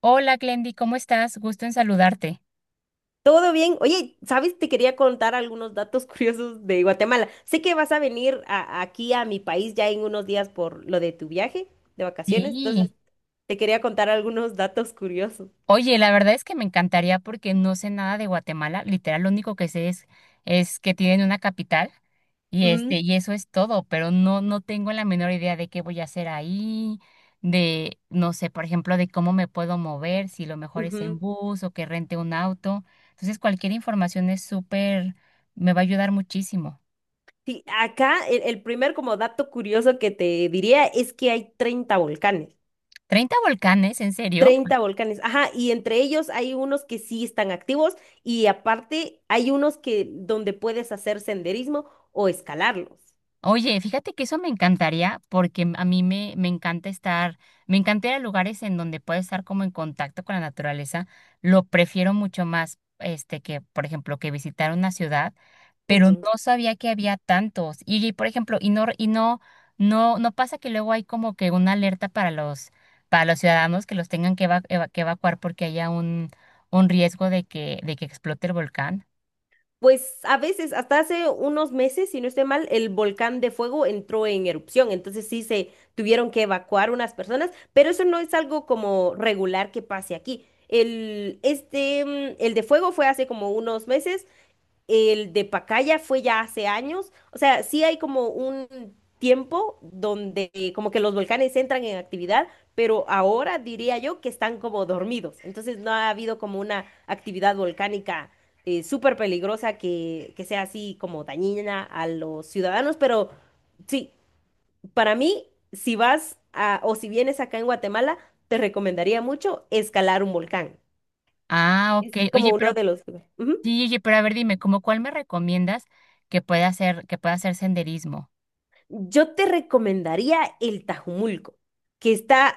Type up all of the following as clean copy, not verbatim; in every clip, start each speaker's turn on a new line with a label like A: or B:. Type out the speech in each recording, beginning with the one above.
A: Hola, Glendy, ¿cómo estás? Gusto en saludarte.
B: Todo bien. Oye, ¿sabes? Te quería contar algunos datos curiosos de Guatemala. Sé que vas a venir aquí a mi país ya en unos días por lo de tu viaje de vacaciones, entonces
A: Sí.
B: te quería contar algunos datos curiosos.
A: Oye, la verdad es que me encantaría porque no sé nada de Guatemala. Literal, lo único que sé es que tienen una capital y
B: Ujú,
A: eso es todo, pero no tengo la menor idea de qué voy a hacer ahí, no sé, por ejemplo, de cómo me puedo mover, si lo mejor es en
B: ujú.
A: bus o que rente un auto. Entonces, cualquier información es súper, me va a ayudar muchísimo.
B: Sí, acá el primer como dato curioso que te diría es que hay 30 volcanes.
A: ¿Treinta volcanes? ¿En serio?
B: 30 volcanes. Ajá, y entre ellos hay unos que sí están activos y aparte hay unos que donde puedes hacer senderismo o escalarlos.
A: Oye, fíjate que eso me encantaría porque a mí me encanta estar, me encanta ir a lugares en donde puedo estar como en contacto con la naturaleza. Lo prefiero mucho más, por ejemplo, que visitar una ciudad, pero no sabía que había tantos. Por ejemplo, no pasa que luego hay como que una alerta para para los ciudadanos que los tengan que, que evacuar porque haya un riesgo de de que explote el volcán.
B: Pues a veces, hasta hace unos meses, si no estoy mal, el volcán de fuego entró en erupción, entonces sí se tuvieron que evacuar unas personas, pero eso no es algo como regular que pase aquí. Este, el de fuego fue hace como unos meses, el de Pacaya fue ya hace años. O sea, sí hay como un tiempo donde como que los volcanes entran en actividad, pero ahora diría yo que están como dormidos. Entonces no ha habido como una actividad volcánica súper peligrosa que sea así como dañina a los ciudadanos. Pero sí, para mí, si o si vienes acá en Guatemala, te recomendaría mucho escalar un volcán.
A: Ah,
B: Es
A: ok. Oye,
B: como
A: pero…
B: uno de los... Ujú.
A: Sí, oye, pero a ver, dime, ¿cómo cuál me recomiendas que pueda hacer senderismo?
B: Yo te recomendaría el Tajumulco, que está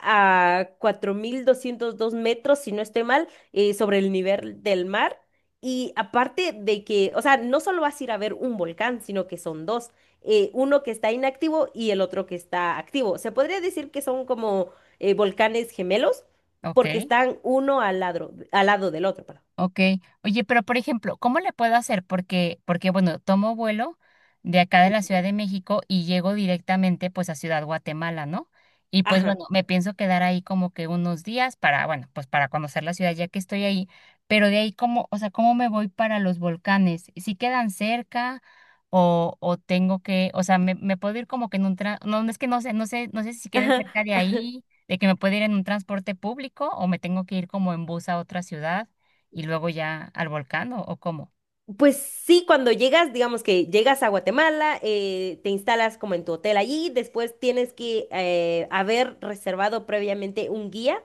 B: a 4202 metros, si no estoy mal, sobre el nivel del mar. Y aparte de que, o sea, no solo vas a ir a ver un volcán, sino que son dos, uno que está inactivo y el otro que está activo. Se podría decir que son como volcanes gemelos,
A: ¿Ok?
B: porque están uno al lado del otro, perdón.
A: Ok, oye, pero por ejemplo, ¿cómo le puedo hacer? Porque bueno, tomo vuelo de acá de la Ciudad de México y llego directamente pues a Ciudad Guatemala, ¿no? Y pues
B: Ajá,
A: bueno, me pienso quedar ahí como que unos días para, bueno, pues para conocer la ciudad ya que estoy ahí, pero de ahí cómo, o sea, ¿cómo me voy para los volcanes? ¿Si quedan cerca o tengo que, o sea, me puedo ir como que en un no, no es que no sé, no sé si quedan
B: ajá.
A: cerca de ahí, de que me puedo ir en un transporte público o me tengo que ir como en bus a otra ciudad? Y luego ya al volcán o ¿cómo?
B: Pues sí, cuando llegas, digamos que llegas a Guatemala, te instalas como en tu hotel allí, después tienes que haber reservado previamente un guía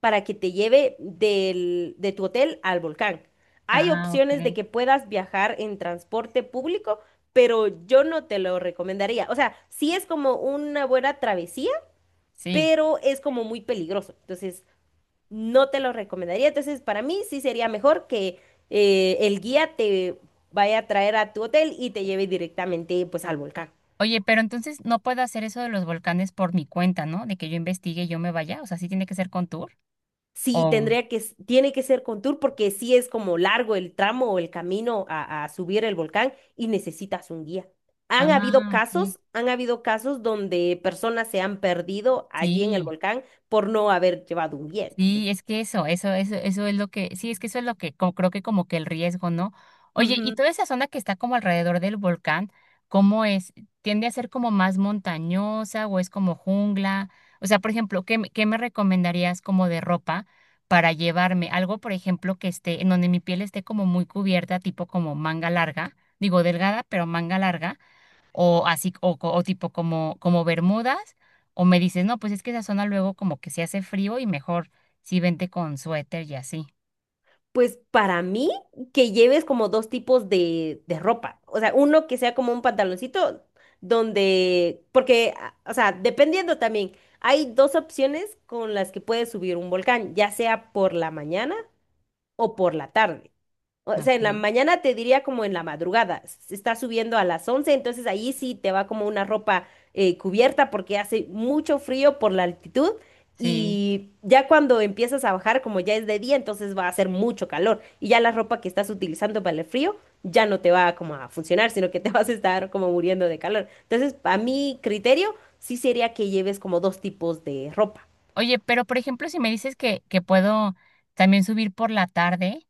B: para que te lleve de tu hotel al volcán. Hay
A: Ah,
B: opciones de
A: ok.
B: que puedas viajar en transporte público, pero yo no te lo recomendaría. O sea, sí es como una buena travesía,
A: Sí.
B: pero es como muy peligroso. Entonces, no te lo recomendaría. Entonces, para mí sí sería mejor que el guía te vaya a traer a tu hotel y te lleve directamente pues al volcán.
A: Oye, pero entonces no puedo hacer eso de los volcanes por mi cuenta, ¿no? De que yo investigue y yo me vaya. O sea, sí tiene que ser con tour.
B: Sí,
A: O.
B: tendría que, tiene que ser con tour porque sí es como largo el tramo o el camino a subir el volcán y necesitas un guía.
A: Ah, ok.
B: Han habido casos donde personas se han perdido allí en el
A: Sí.
B: volcán por no haber llevado un guía.
A: Sí,
B: Entonces,
A: es que eso es lo que, sí, es que eso es lo que creo que como que el riesgo, ¿no? Oye, y
B: ujú.
A: toda esa zona que está como alrededor del volcán, ¿cómo es? ¿Tiende a ser como más montañosa o es como jungla? O sea, por ejemplo, ¿qué me recomendarías como de ropa para llevarme? Algo, por ejemplo, que esté, en donde mi piel esté como muy cubierta, tipo como manga larga, digo delgada, pero manga larga o así, o tipo como Bermudas, o me dices, no, pues es que esa zona luego como que se hace frío y mejor si vente con suéter y así.
B: Pues para mí, que lleves como dos tipos de ropa. O sea, uno que sea como un pantaloncito donde, porque, o sea, dependiendo también, hay dos opciones con las que puedes subir un volcán, ya sea por la mañana o por la tarde. O
A: ¿No?
B: sea, en la
A: Ok.
B: mañana te diría como en la madrugada, se está subiendo a las 11, entonces ahí sí te va como una ropa cubierta porque hace mucho frío por la altitud
A: Sí.
B: y ya cuando empiezas a bajar, como ya es de día, entonces va a hacer mucho calor y ya la ropa que estás utilizando para el frío ya no te va como a funcionar, sino que te vas a estar como muriendo de calor. Entonces, a mi criterio, sí sería que lleves como dos tipos de ropa.
A: Oye, pero por ejemplo, si me dices que puedo también subir por la tarde,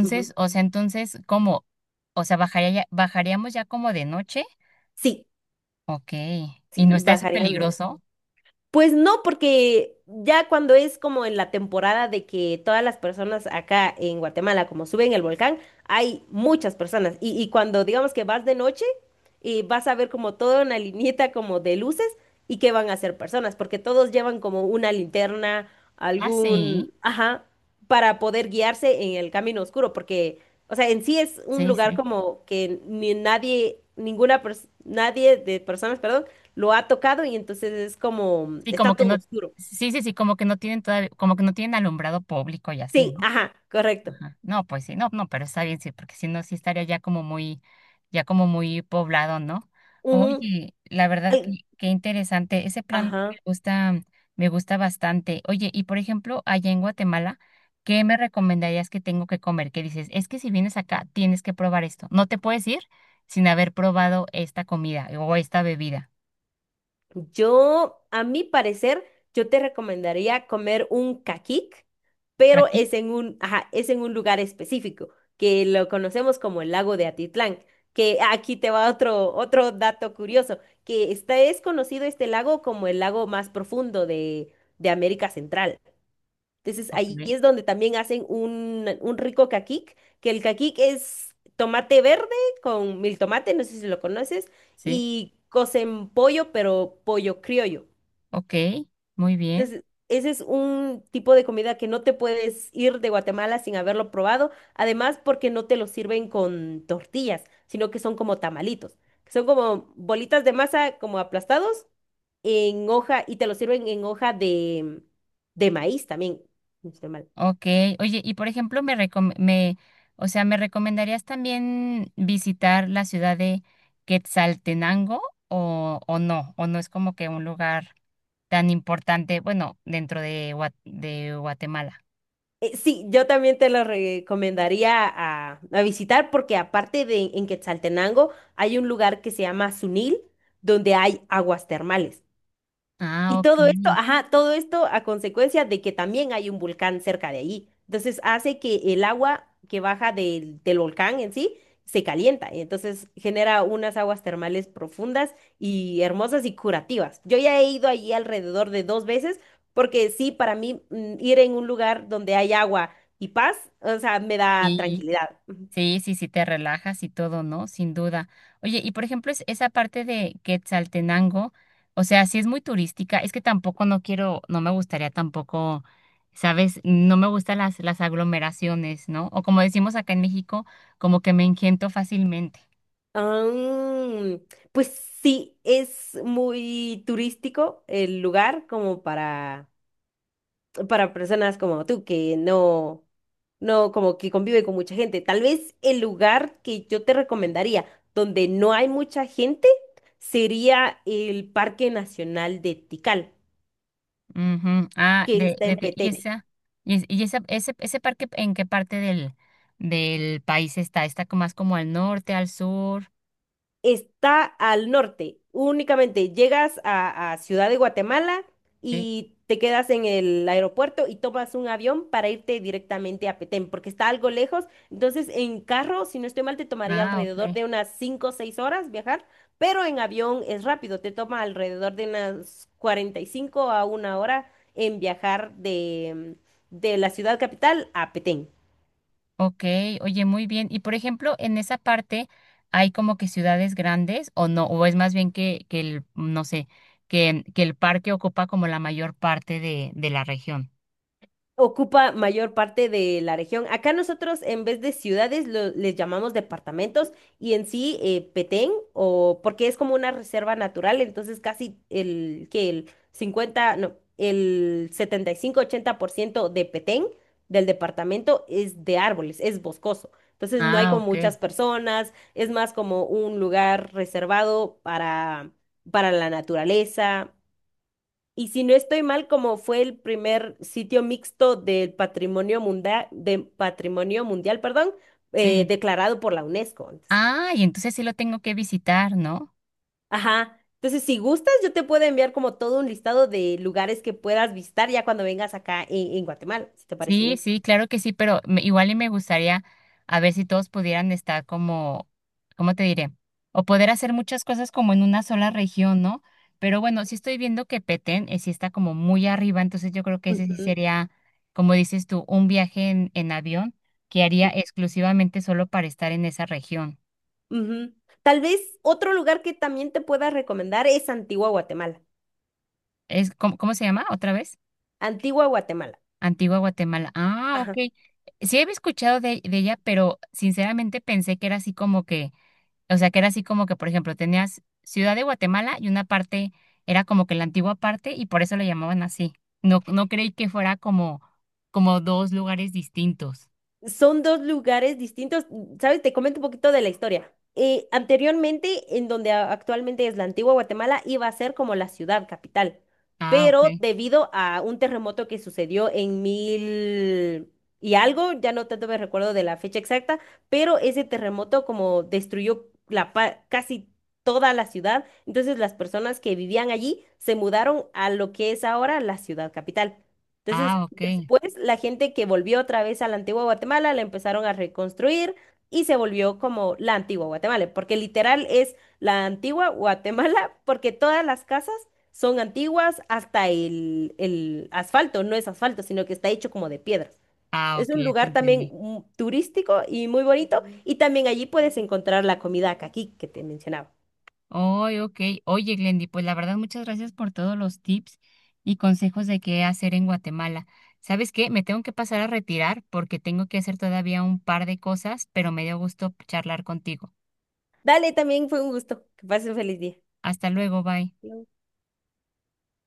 B: Ujú.
A: o sea, entonces, ¿cómo? O sea, bajaríamos ya como de noche.
B: Sí,
A: Ok. ¿Y
B: sí,
A: no está eso
B: bajarían de los.
A: peligroso?
B: Pues no, porque ya cuando es como en la temporada de que todas las personas acá en Guatemala, como suben el volcán, hay muchas personas. Y cuando digamos que vas de noche, y vas a ver como toda una lineita como de luces y que van a ser personas, porque todos llevan como una linterna,
A: Ah, sí.
B: algún, ajá, para poder guiarse en el camino oscuro, porque, o sea, en sí es un
A: Sí,
B: lugar
A: sí.
B: como que ni nadie, nadie de personas, perdón, lo ha tocado y entonces es como,
A: Sí, como
B: está
A: que
B: todo
A: no,
B: oscuro.
A: Sí, como que no tienen todavía, como que no tienen alumbrado público y así,
B: Sí,
A: ¿no?
B: ajá, correcto.
A: Ajá. No, pues sí, no, pero está bien, sí, porque si no, sí estaría ya como muy poblado, ¿no?
B: Ujú.
A: Oye, la verdad que
B: Ay,
A: qué interesante, ese plan
B: ajá.
A: me gusta bastante. Oye, y por ejemplo, allá en Guatemala, ¿qué me recomendarías que tengo que comer? Que dices, es que si vienes acá, tienes que probar esto. No te puedes ir sin haber probado esta comida o esta bebida.
B: Yo, a mi parecer, yo te recomendaría comer un caquic, pero es
A: ¿Aquí?
B: en un, ajá, es en un lugar específico, que lo conocemos como el lago de Atitlán, que aquí te va otro, otro dato curioso, que está, es conocido este lago como el lago más profundo de América Central. Entonces
A: Ok,
B: ahí es donde también hacen un rico caquic, que el caquic es tomate verde con mil tomate, no sé si lo conoces,
A: sí,
B: y cocen pollo, pero pollo criollo.
A: ok, muy bien.
B: Entonces, ese es un tipo de comida que no te puedes ir de Guatemala sin haberlo probado, además porque no te lo sirven con tortillas, sino que son como tamalitos, que son como bolitas de masa como aplastados en hoja y te lo sirven en hoja de maíz también. Este,
A: Ok, oye, y por ejemplo, o sea, ¿me recomendarías también visitar la ciudad de Quetzaltenango o no? ¿O no es como que un lugar tan importante, bueno, dentro de Guatemala?
B: eh, sí, yo también te lo recomendaría a visitar porque aparte de en Quetzaltenango hay un lugar que se llama Sunil donde hay aguas termales. Y
A: Ah, ok.
B: todo esto, ajá, todo esto a consecuencia de que también hay un volcán cerca de ahí. Entonces hace que el agua que baja del volcán en sí se calienta, y entonces genera unas aguas termales profundas y hermosas y curativas. Yo ya he ido allí alrededor de dos veces porque sí, para mí ir en un lugar donde hay agua y paz, o sea, me da
A: Sí.
B: tranquilidad. Ujú.
A: Sí, sí, sí, te relajas y todo, ¿no? Sin duda. Oye, y por ejemplo, es esa parte de Quetzaltenango, o sea, sí es muy turística, es que tampoco no quiero, no me gustaría tampoco, ¿sabes? No me gustan las aglomeraciones, ¿no? O como decimos acá en México, como que me engento fácilmente.
B: Ah, pues sí, es muy turístico el lugar como para personas como tú que no, no, como que convive con mucha gente. Tal vez el lugar que yo te recomendaría donde no hay mucha gente sería el Parque Nacional de Tikal,
A: Ujú. Ah,
B: que está
A: de,
B: en
A: ti- y
B: Petén.
A: esa, y esa, ese parque, ¿en qué parte del país está? ¿Está como más como al norte, al sur?
B: Está al norte, únicamente llegas a Ciudad de Guatemala
A: Sí.
B: y te quedas en el aeropuerto y tomas un avión para irte directamente a Petén, porque está algo lejos. Entonces, en carro, si no estoy mal, te tomaría
A: Ah,
B: alrededor
A: ok.
B: de unas 5 o 6 horas viajar, pero en avión es rápido, te toma alrededor de unas 45 a 1 hora en viajar de la ciudad capital a Petén.
A: Ok, oye, muy bien. Y por ejemplo, en esa parte hay como que ciudades grandes o no, o es más bien que el, no sé, que el parque ocupa como la mayor parte de la región.
B: Ocupa mayor parte de la región. Acá nosotros en vez de ciudades les llamamos departamentos y en sí Petén o porque es como una reserva natural, entonces casi el que el 50 no, el 75 80% de Petén del departamento es de árboles, es boscoso. Entonces no hay
A: Ah,
B: como
A: ok.
B: muchas personas, es más como un lugar reservado para la naturaleza. Y si no estoy mal, como fue el primer sitio mixto del patrimonio mundial, de patrimonio mundial, perdón,
A: Sí.
B: declarado por la UNESCO. Entonces,
A: Ah, y entonces sí lo tengo que visitar, ¿no?
B: ajá. Entonces, si gustas, yo te puedo enviar como todo un listado de lugares que puedas visitar ya cuando vengas acá en Guatemala, si te parece
A: Sí,
B: bien.
A: sí, claro que sí, pero igual y me gustaría a ver si todos pudieran estar como, ¿cómo te diré? O poder hacer muchas cosas como en una sola región, ¿no? Pero bueno, sí estoy viendo que Petén sí está como muy arriba, entonces yo creo que ese sí
B: Ujú,
A: sería, como dices tú, un viaje en avión que haría
B: ujú,
A: exclusivamente solo para estar en esa región.
B: ujú. Tal vez otro lugar que también te pueda recomendar es Antigua Guatemala.
A: Es, ¿cómo, cómo se llama? ¿Otra vez?
B: Antigua Guatemala.
A: Antigua Guatemala. Ah,
B: Ajá.
A: ok. Sí había escuchado de ella, pero sinceramente pensé que era así como que… O sea, que era así como que, por ejemplo, tenías Ciudad de Guatemala y una parte era como que la antigua parte y por eso le llamaban así. No, no creí que fuera como, como dos lugares distintos.
B: Son dos lugares distintos. ¿Sabes? Te comento un poquito de la historia. Anteriormente, en donde actualmente es la Antigua Guatemala, iba a ser como la ciudad capital,
A: Ah,
B: pero
A: ok.
B: debido a un terremoto que sucedió en mil y algo, ya no tanto me recuerdo de la fecha exacta, pero ese terremoto como destruyó la casi toda la ciudad, entonces las personas que vivían allí se mudaron a lo que es ahora la ciudad capital. Entonces,
A: Ah, ok.
B: después la gente que volvió otra vez a la Antigua Guatemala la empezaron a reconstruir y se volvió como la Antigua Guatemala, porque literal es la Antigua Guatemala, porque todas las casas son antiguas hasta el asfalto, no es asfalto, sino que está hecho como de piedras.
A: Ah,
B: Es
A: ok,
B: un
A: ya te
B: lugar también
A: entendí.
B: turístico y muy bonito, y también allí puedes encontrar la comida caqui que te mencionaba.
A: Oye, ok. Oye, Glendy, pues la verdad, muchas gracias por todos los tips y consejos de qué hacer en Guatemala. ¿Sabes qué? Me tengo que pasar a retirar porque tengo que hacer todavía un par de cosas, pero me dio gusto charlar contigo.
B: Dale, también fue un gusto. Que pases un feliz día.
A: Hasta luego, bye.